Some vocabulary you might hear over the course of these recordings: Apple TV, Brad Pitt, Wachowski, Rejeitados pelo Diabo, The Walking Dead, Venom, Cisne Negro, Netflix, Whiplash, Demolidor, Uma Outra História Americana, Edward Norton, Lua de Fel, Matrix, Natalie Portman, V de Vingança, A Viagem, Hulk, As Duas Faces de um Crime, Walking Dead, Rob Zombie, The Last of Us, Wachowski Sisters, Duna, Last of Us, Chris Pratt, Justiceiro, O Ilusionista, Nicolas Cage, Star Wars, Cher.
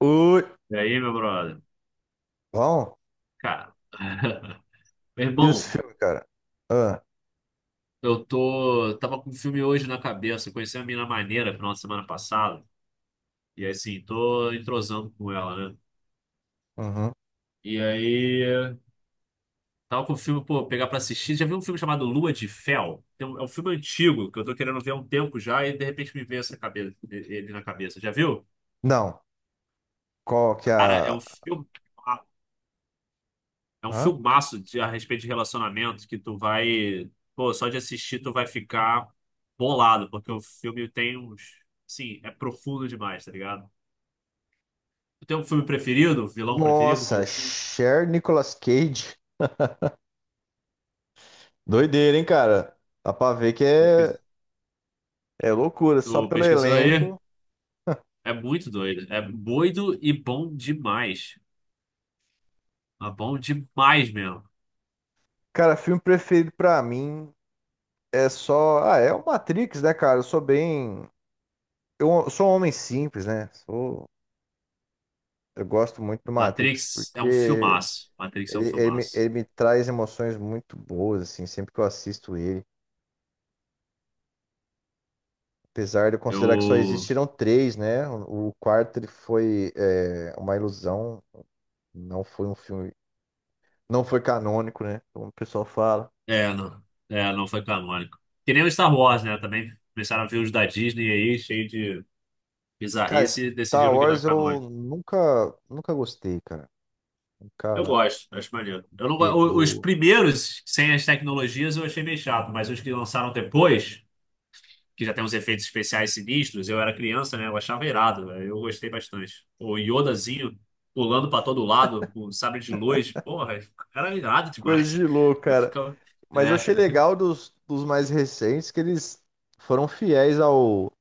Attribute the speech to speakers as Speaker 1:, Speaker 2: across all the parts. Speaker 1: Oi.
Speaker 2: E aí, meu brother?
Speaker 1: Bom,
Speaker 2: Cara, meu
Speaker 1: e os
Speaker 2: irmão,
Speaker 1: filmes, cara? Ah,
Speaker 2: tava com um filme hoje na cabeça. Eu conheci uma mina maneira final de semana passada. E aí, assim, tô entrosando com ela, né?
Speaker 1: uhum.
Speaker 2: E aí, tava com o filme, pô, pegar pra assistir. Já viu um filme chamado Lua de Fel? É um filme antigo que eu tô querendo ver há um tempo já. E de repente me veio essa cabeça, ele na cabeça. Já viu?
Speaker 1: Não, qual que é
Speaker 2: Cara, é um
Speaker 1: a...
Speaker 2: filme. É um
Speaker 1: Hã?
Speaker 2: filmaço de, a respeito de relacionamento que tu vai. Pô, só de assistir tu vai ficar bolado, porque o filme tem uns. Sim, é profundo demais, tá ligado? Tu tem um filme preferido, um vilão preferido,
Speaker 1: Nossa,
Speaker 2: coisa assim?
Speaker 1: Cher Nicolas Cage. Doideira, hein, cara? Dá pra ver que é,
Speaker 2: Pesquis-
Speaker 1: é loucura, só
Speaker 2: Tu
Speaker 1: pelo
Speaker 2: pesquisou aí?
Speaker 1: elenco.
Speaker 2: É muito doido. É doido e bom demais. É bom demais mesmo.
Speaker 1: Cara, filme preferido pra mim é só... Ah, é o Matrix, né, cara? Eu sou bem... Eu sou um homem simples, né? Sou... Eu gosto muito do Matrix
Speaker 2: Matrix é um
Speaker 1: porque
Speaker 2: filmaço. Matrix é um
Speaker 1: ele, ele me, ele
Speaker 2: filmaço.
Speaker 1: me traz emoções muito boas, assim, sempre que eu assisto ele. Apesar de eu considerar que só
Speaker 2: Eu.
Speaker 1: existiram três, né? O quarto ele foi uma ilusão, não foi um filme, não foi canônico, né? Como o pessoal fala.
Speaker 2: É, não. É, não foi canônico. Que nem o Star Wars, né? Também começaram a ver os da Disney aí, cheio de.
Speaker 1: Cara,
Speaker 2: Bizarrice
Speaker 1: Star
Speaker 2: decidiram que não
Speaker 1: Wars
Speaker 2: é
Speaker 1: eu
Speaker 2: canônico.
Speaker 1: nunca gostei, cara.
Speaker 2: Eu
Speaker 1: Nunca
Speaker 2: gosto, acho maneiro. Eu não, go- o- Os
Speaker 1: pegou.
Speaker 2: primeiros, sem as tecnologias, eu achei meio chato, mas os que lançaram depois, que já tem uns efeitos especiais sinistros, eu era criança, né? Eu achava irado, velho. Eu gostei bastante. O Yodazinho pulando pra todo lado, com sabre de luz, porra, era irado
Speaker 1: Coisa
Speaker 2: demais.
Speaker 1: de louco,
Speaker 2: Eu
Speaker 1: cara.
Speaker 2: ficava.
Speaker 1: Mas eu
Speaker 2: É,
Speaker 1: achei legal dos mais recentes que eles foram fiéis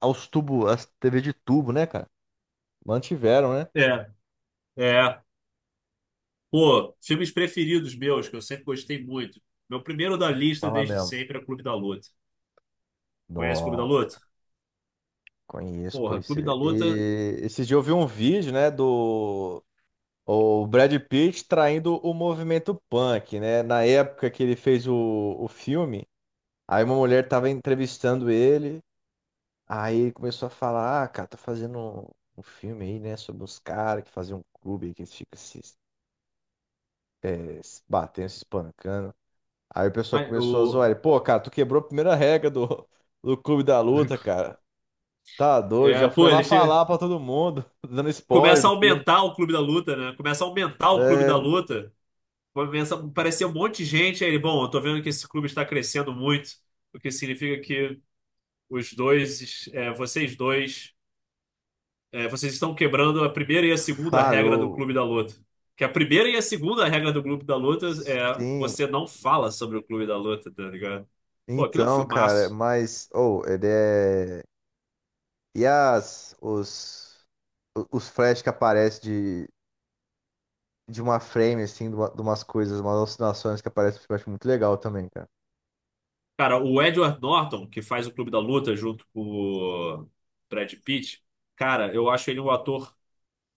Speaker 1: aos tubos, às TV de tubo, né, cara? Mantiveram, né?
Speaker 2: é, é. Pô, filmes preferidos meus, que eu sempre gostei muito. Meu primeiro da lista
Speaker 1: Fala
Speaker 2: desde
Speaker 1: mesmo.
Speaker 2: sempre é Clube da Luta. Conhece Clube da Luta?
Speaker 1: Nossa. Conheço,
Speaker 2: Porra,
Speaker 1: pois
Speaker 2: Clube
Speaker 1: é.
Speaker 2: da Luta.
Speaker 1: E esses dias eu vi um vídeo, né, do o Brad Pitt traindo o movimento punk, né? Na época que ele fez o filme, aí uma mulher tava entrevistando ele, aí ele começou a falar, ah, cara, tô fazendo um filme aí, né, sobre os caras que fazem um clube aí que eles ficam se batendo, se espancando. Aí o pessoal
Speaker 2: Mas
Speaker 1: começou a zoar
Speaker 2: o.
Speaker 1: ele, pô, cara, tu quebrou a primeira regra do Clube da Luta, cara. Tá doido,
Speaker 2: É,
Speaker 1: já
Speaker 2: pô,
Speaker 1: foi lá
Speaker 2: ele chega.
Speaker 1: falar pra todo mundo, dando spoiler
Speaker 2: Começa a
Speaker 1: do filme.
Speaker 2: aumentar o clube da luta, né? Começa a aumentar o clube da
Speaker 1: É,
Speaker 2: luta. Começa a aparecer um monte de gente. Aí ele, bom, eu tô vendo que esse clube está crescendo muito, o que significa que os dois, é, vocês estão quebrando a primeira e a segunda regra do
Speaker 1: falhou.
Speaker 2: clube da luta. Que a primeira e a segunda regra do clube da luta é
Speaker 1: Sim.
Speaker 2: você não fala sobre o clube da luta, tá ligado? Pô, aquilo é um
Speaker 1: Então, cara,
Speaker 2: filmaço.
Speaker 1: mas. Oh, ele é. E as. Os. Os flash que aparecem de. De uma frame, assim, de, de umas coisas, umas alucinações que aparecem, eu acho muito legal também, cara.
Speaker 2: Cara, o Edward Norton, que faz o Clube da Luta junto com o Brad Pitt, cara, eu acho ele um ator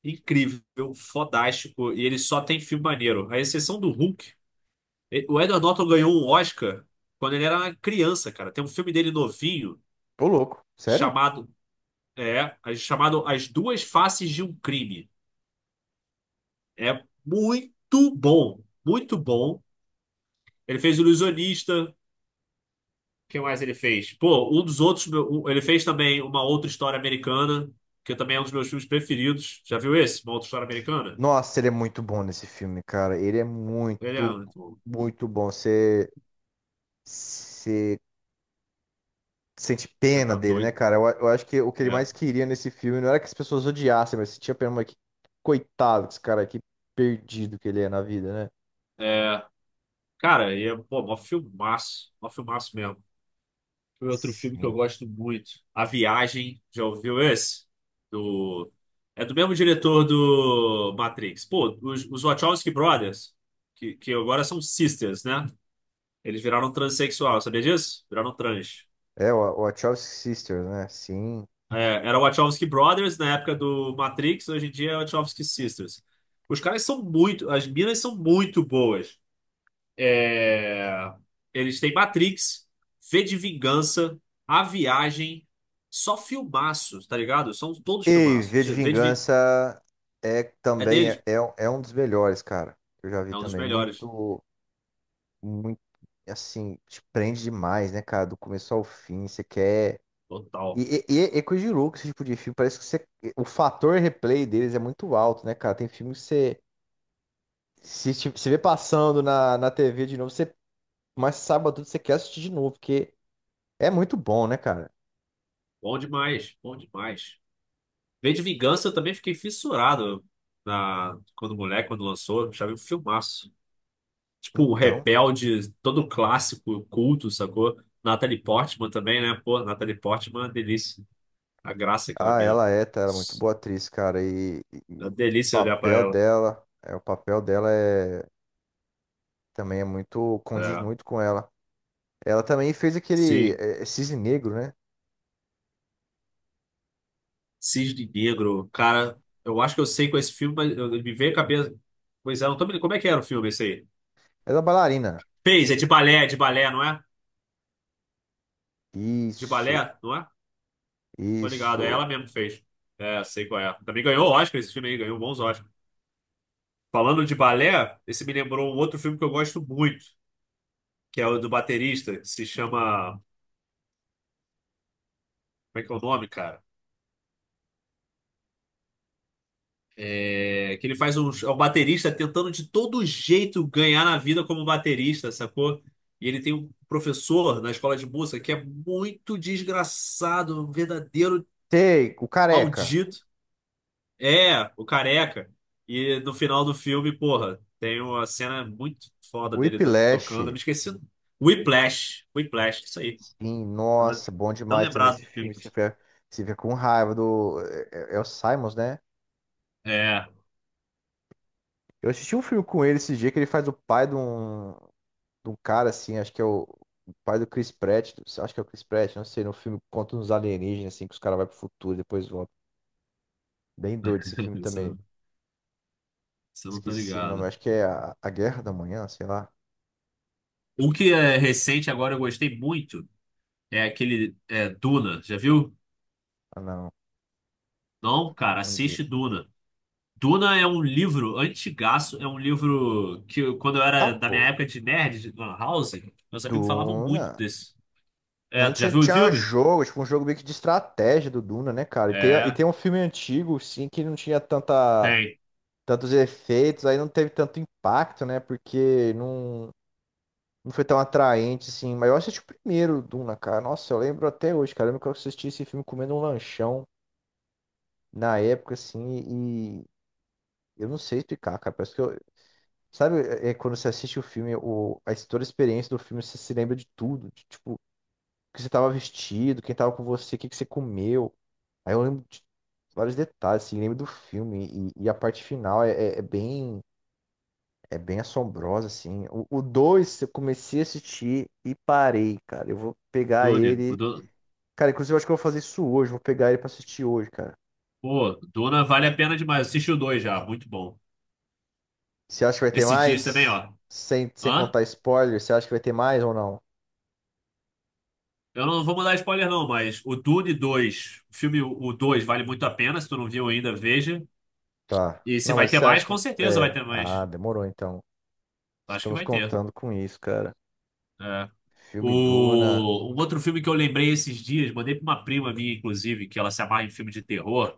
Speaker 2: incrível, fodástico, e ele só tem filme maneiro. A exceção do Hulk. O Edward Norton ganhou um Oscar quando ele era uma criança, cara. Tem um filme dele novinho
Speaker 1: Ô, louco. Sério?
Speaker 2: chamado, é chamado As Duas Faces de um Crime. É muito bom, muito bom. Ele fez O Ilusionista. O que mais ele fez? Pô, um dos outros. Ele fez também uma outra história americana, que também é um dos meus filmes preferidos. Já viu esse? Uma outra história americana?
Speaker 1: Nossa, ele é muito bom nesse filme, cara. Ele é
Speaker 2: Ele é muito bom.
Speaker 1: muito bom. Você. Sente
Speaker 2: Você
Speaker 1: pena
Speaker 2: tá
Speaker 1: dele, né,
Speaker 2: doido.
Speaker 1: cara? Eu acho que o que ele
Speaker 2: É.
Speaker 1: mais queria nesse filme não era que as pessoas odiassem, mas sentia pena, mas que coitado desse cara aqui, perdido que ele é na vida, né?
Speaker 2: É, cara, e é, pô, mó filmaço. Mó filmaço mesmo. Foi outro filme que eu
Speaker 1: Sim.
Speaker 2: gosto muito. A Viagem. Já ouviu esse? Do... É do mesmo diretor do Matrix. Pô, os Wachowski Brothers, que agora são sisters, né? Eles viraram transexual, sabia disso? Viraram trans.
Speaker 1: É, o Wachowski Sisters, né? Sim.
Speaker 2: É, era Wachowski Brothers na época do Matrix, hoje em dia é Wachowski Sisters. Os caras são muito, as minas são muito boas. É, eles têm Matrix, V de Vingança, A Viagem, só filmaços, tá ligado? São todos
Speaker 1: E
Speaker 2: filmaços.
Speaker 1: V de
Speaker 2: V de Vingança
Speaker 1: Vingança é
Speaker 2: é
Speaker 1: também
Speaker 2: deles,
Speaker 1: é é um dos melhores, cara. Eu já vi
Speaker 2: é um dos
Speaker 1: também.
Speaker 2: melhores.
Speaker 1: Muito, muito, assim, te prende demais, né, cara? Do começo ao fim, você quer.
Speaker 2: Total.
Speaker 1: E é coisa de louco esse tipo de filme. Parece que você- o fator replay deles é muito alto, né, cara? Tem filme que você. Se vê passando na TV de novo, você. Mas sábado você quer assistir de novo, porque é muito bom, né, cara?
Speaker 2: Bom demais, bom demais. V de Vingança eu também fiquei fissurado na, quando moleque, quando lançou, achava um filmaço. Tipo, um
Speaker 1: Então.
Speaker 2: Rebelde, todo clássico, culto, sacou? Natalie Portman também, né? Pô, Natalie Portman, é uma delícia. A graça que ela
Speaker 1: Ah,
Speaker 2: mina.
Speaker 1: ela é, tá? Ela é muito boa atriz, cara. E, e-
Speaker 2: É
Speaker 1: e
Speaker 2: uma
Speaker 1: o
Speaker 2: delícia olhar pra
Speaker 1: papel
Speaker 2: ela.
Speaker 1: dela. É, o papel dela é. Também é muito. Condiz
Speaker 2: É.
Speaker 1: muito com ela. Ela também fez aquele.
Speaker 2: Sim.
Speaker 1: É Cisne Negro, né?
Speaker 2: Cisne Negro. Cara, eu acho que eu sei com esse filme, me veio a cabeça. Pois é, não tô me... Como é que era o filme esse aí?
Speaker 1: Ela é bailarina.
Speaker 2: Fez, é de balé, não é? De balé,
Speaker 1: Isso.
Speaker 2: não é? Tô ligado, é
Speaker 1: Isso.
Speaker 2: ela mesmo que fez. É, sei qual é. Também ganhou Oscar esse filme aí, ganhou bons Oscar. Falando de balé, esse me lembrou um outro filme que eu gosto muito, que é o do baterista, que se chama. Como é que é o nome, cara? É, que ele faz um, é um baterista tentando de todo jeito ganhar na vida como baterista, sacou? E ele tem um professor na escola de música que é muito desgraçado, um verdadeiro
Speaker 1: Sei, o careca.
Speaker 2: maldito. É, o careca. E no final do filme, porra, tem uma cena muito foda
Speaker 1: O Whiplash,
Speaker 2: tocando. Eu me esqueci. Whiplash. Whiplash, isso aí.
Speaker 1: sim,
Speaker 2: Tava
Speaker 1: nossa, bom
Speaker 2: tão
Speaker 1: demais também
Speaker 2: lembrado
Speaker 1: esse
Speaker 2: do filme.
Speaker 1: filme. Você fica com raiva do. É é o Simons, né?
Speaker 2: É,
Speaker 1: Eu assisti um filme com ele esse dia que ele faz o pai de um cara, assim, acho que é o pai do Chris Pratt. Acho que é o Chris Pratt, não sei. No filme conta uns alienígenas, assim, que os caras vão pro futuro e depois voltam. Bem doido esse filme
Speaker 2: isso
Speaker 1: também.
Speaker 2: eu isso eu não tô
Speaker 1: Esqueci o nome,
Speaker 2: ligado.
Speaker 1: acho que é A Guerra da Manhã, sei lá.
Speaker 2: Um que é recente agora eu gostei muito é aquele é, Duna, já viu?
Speaker 1: Ah, não.
Speaker 2: Não, cara,
Speaker 1: Um dia.
Speaker 2: assiste Duna. Duna é um livro antigaço, é um livro que quando eu
Speaker 1: Ah,
Speaker 2: era da minha
Speaker 1: pô.
Speaker 2: época de nerd, de Lan House, meus amigos falavam
Speaker 1: Duna.
Speaker 2: muito desse. É,
Speaker 1: Duna
Speaker 2: tu já
Speaker 1: tinha,
Speaker 2: viu o
Speaker 1: tinha
Speaker 2: filme?
Speaker 1: jogo, tipo, um jogo meio que de estratégia do Duna, né, cara? E
Speaker 2: É,
Speaker 1: tem um filme antigo, sim, que não tinha
Speaker 2: tem.
Speaker 1: tantos efeitos, aí não teve tanto impacto, né? Porque não, não foi tão atraente, assim. Mas eu assisti o primeiro Duna, cara. Nossa, eu lembro até hoje, cara. Eu lembro que eu assisti esse filme comendo um lanchão na época, assim, e eu não sei explicar, cara. Parece que eu. Sabe, é quando você assiste o filme, o, a, toda a experiência do filme, você se lembra de tudo. De, tipo, que você estava vestido, quem estava com você, o que que você comeu. Aí eu lembro de vários detalhes, assim, lembro do filme. E a parte final é é bem assombrosa, assim. O 2 eu comecei a assistir e parei, cara. Eu vou pegar
Speaker 2: Dune.
Speaker 1: ele. Cara, inclusive eu acho que eu vou fazer isso hoje. Vou pegar ele pra assistir hoje, cara.
Speaker 2: Pô, Duna vale a pena demais. Assisti o dois já, muito bom.
Speaker 1: Você acha que vai ter
Speaker 2: Esse dia também,
Speaker 1: mais?
Speaker 2: ó.
Speaker 1: Sem
Speaker 2: Hã?
Speaker 1: contar spoiler, você acha que vai ter mais ou não?
Speaker 2: Eu não vou mandar spoiler não, mas o Dune 2, o filme o 2 vale muito a pena, se tu não viu ainda, veja.
Speaker 1: Tá.
Speaker 2: E se
Speaker 1: Não,
Speaker 2: vai
Speaker 1: mas
Speaker 2: ter
Speaker 1: você acha
Speaker 2: mais,
Speaker 1: que.
Speaker 2: com certeza vai
Speaker 1: É.
Speaker 2: ter
Speaker 1: Ah,
Speaker 2: mais.
Speaker 1: demorou então.
Speaker 2: Acho que
Speaker 1: Estamos
Speaker 2: vai ter.
Speaker 1: contando com isso, cara.
Speaker 2: É.
Speaker 1: Filme Duna.
Speaker 2: O... Um outro filme que eu lembrei esses dias, mandei pra uma prima minha, inclusive, que ela se amarra em filme de terror.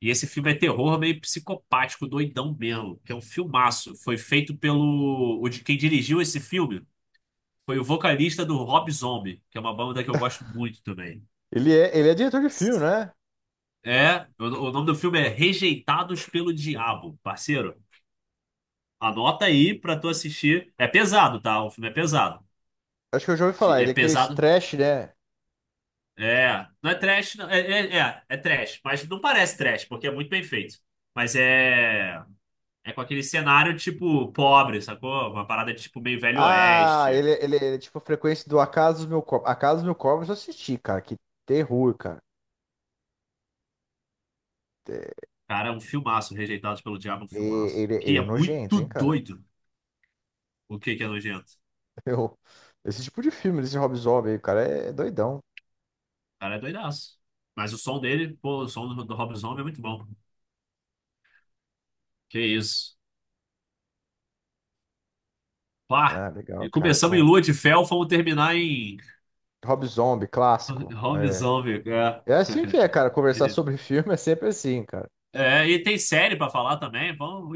Speaker 2: E esse filme é terror meio psicopático, doidão mesmo, que é um filmaço. Foi feito pelo. O de quem dirigiu esse filme foi o vocalista do Rob Zombie, que é uma banda que eu gosto muito também.
Speaker 1: Ele é diretor de filme, né?
Speaker 2: É, o nome do filme é Rejeitados pelo Diabo, parceiro. Anota aí pra tu assistir. É pesado, tá? O filme é pesado.
Speaker 1: Acho que eu já ouvi falar.
Speaker 2: É
Speaker 1: Ele é aquele
Speaker 2: pesado.
Speaker 1: trash, né?
Speaker 2: É, não é trash, não. É trash, mas não parece trash, porque é muito bem feito. Mas é, é com aquele cenário tipo pobre, sacou? Uma parada tipo meio Velho
Speaker 1: Ah,
Speaker 2: Oeste.
Speaker 1: ele é tipo a frequência do Acaso dos Mil Corpos. Acaso dos Mil Corpos eu assisti, cara. Que terror, cara. É,
Speaker 2: Cara, é um filmaço, Rejeitados pelo Diabo, é um
Speaker 1: e-
Speaker 2: filmaço.
Speaker 1: Ele
Speaker 2: Que
Speaker 1: é
Speaker 2: é
Speaker 1: nojento,
Speaker 2: muito
Speaker 1: hein, cara?
Speaker 2: doido. O que que é nojento? O
Speaker 1: Eu, esse tipo de filme, esse Rob Zombie aí, cara, é doidão.
Speaker 2: cara é doidaço. Mas o som dele, pô, o som do Rob Zombie é muito bom. Que isso. Pá!
Speaker 1: Ah, legal,
Speaker 2: E
Speaker 1: cara.
Speaker 2: começamos em
Speaker 1: Bom,
Speaker 2: Lua de Fel, vamos terminar em
Speaker 1: Rob Zombie, clássico.
Speaker 2: Rob
Speaker 1: É.
Speaker 2: Zombie. É,
Speaker 1: É assim que é, cara. Conversar sobre filme é sempre assim, cara.
Speaker 2: é, e tem série pra falar também. Vamos,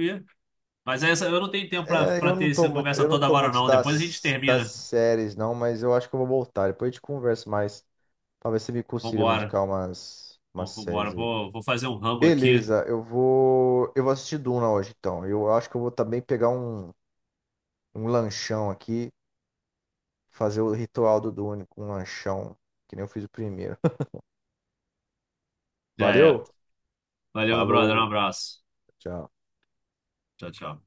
Speaker 2: mas essa, eu não tenho tempo
Speaker 1: É,
Speaker 2: pra ter essa conversa
Speaker 1: eu não
Speaker 2: toda
Speaker 1: tô
Speaker 2: agora,
Speaker 1: muito
Speaker 2: não. Depois a gente
Speaker 1: das
Speaker 2: termina.
Speaker 1: séries, não, mas eu acho que eu vou voltar. Depois a gente conversa mais. Talvez você me consiga me
Speaker 2: Vambora.
Speaker 1: indicar umas
Speaker 2: Vambora.
Speaker 1: séries aí.
Speaker 2: Vou fazer um rambo aqui.
Speaker 1: Beleza, eu vou. Eu vou assistir Duna hoje, então. Eu acho que eu vou também pegar um lanchão aqui, fazer o ritual do Dune com um lanchão, que nem eu fiz o primeiro.
Speaker 2: Já é.
Speaker 1: Valeu?
Speaker 2: Valeu, meu brother. Um
Speaker 1: Falou,
Speaker 2: abraço.
Speaker 1: tchau.
Speaker 2: Tchau, tchau.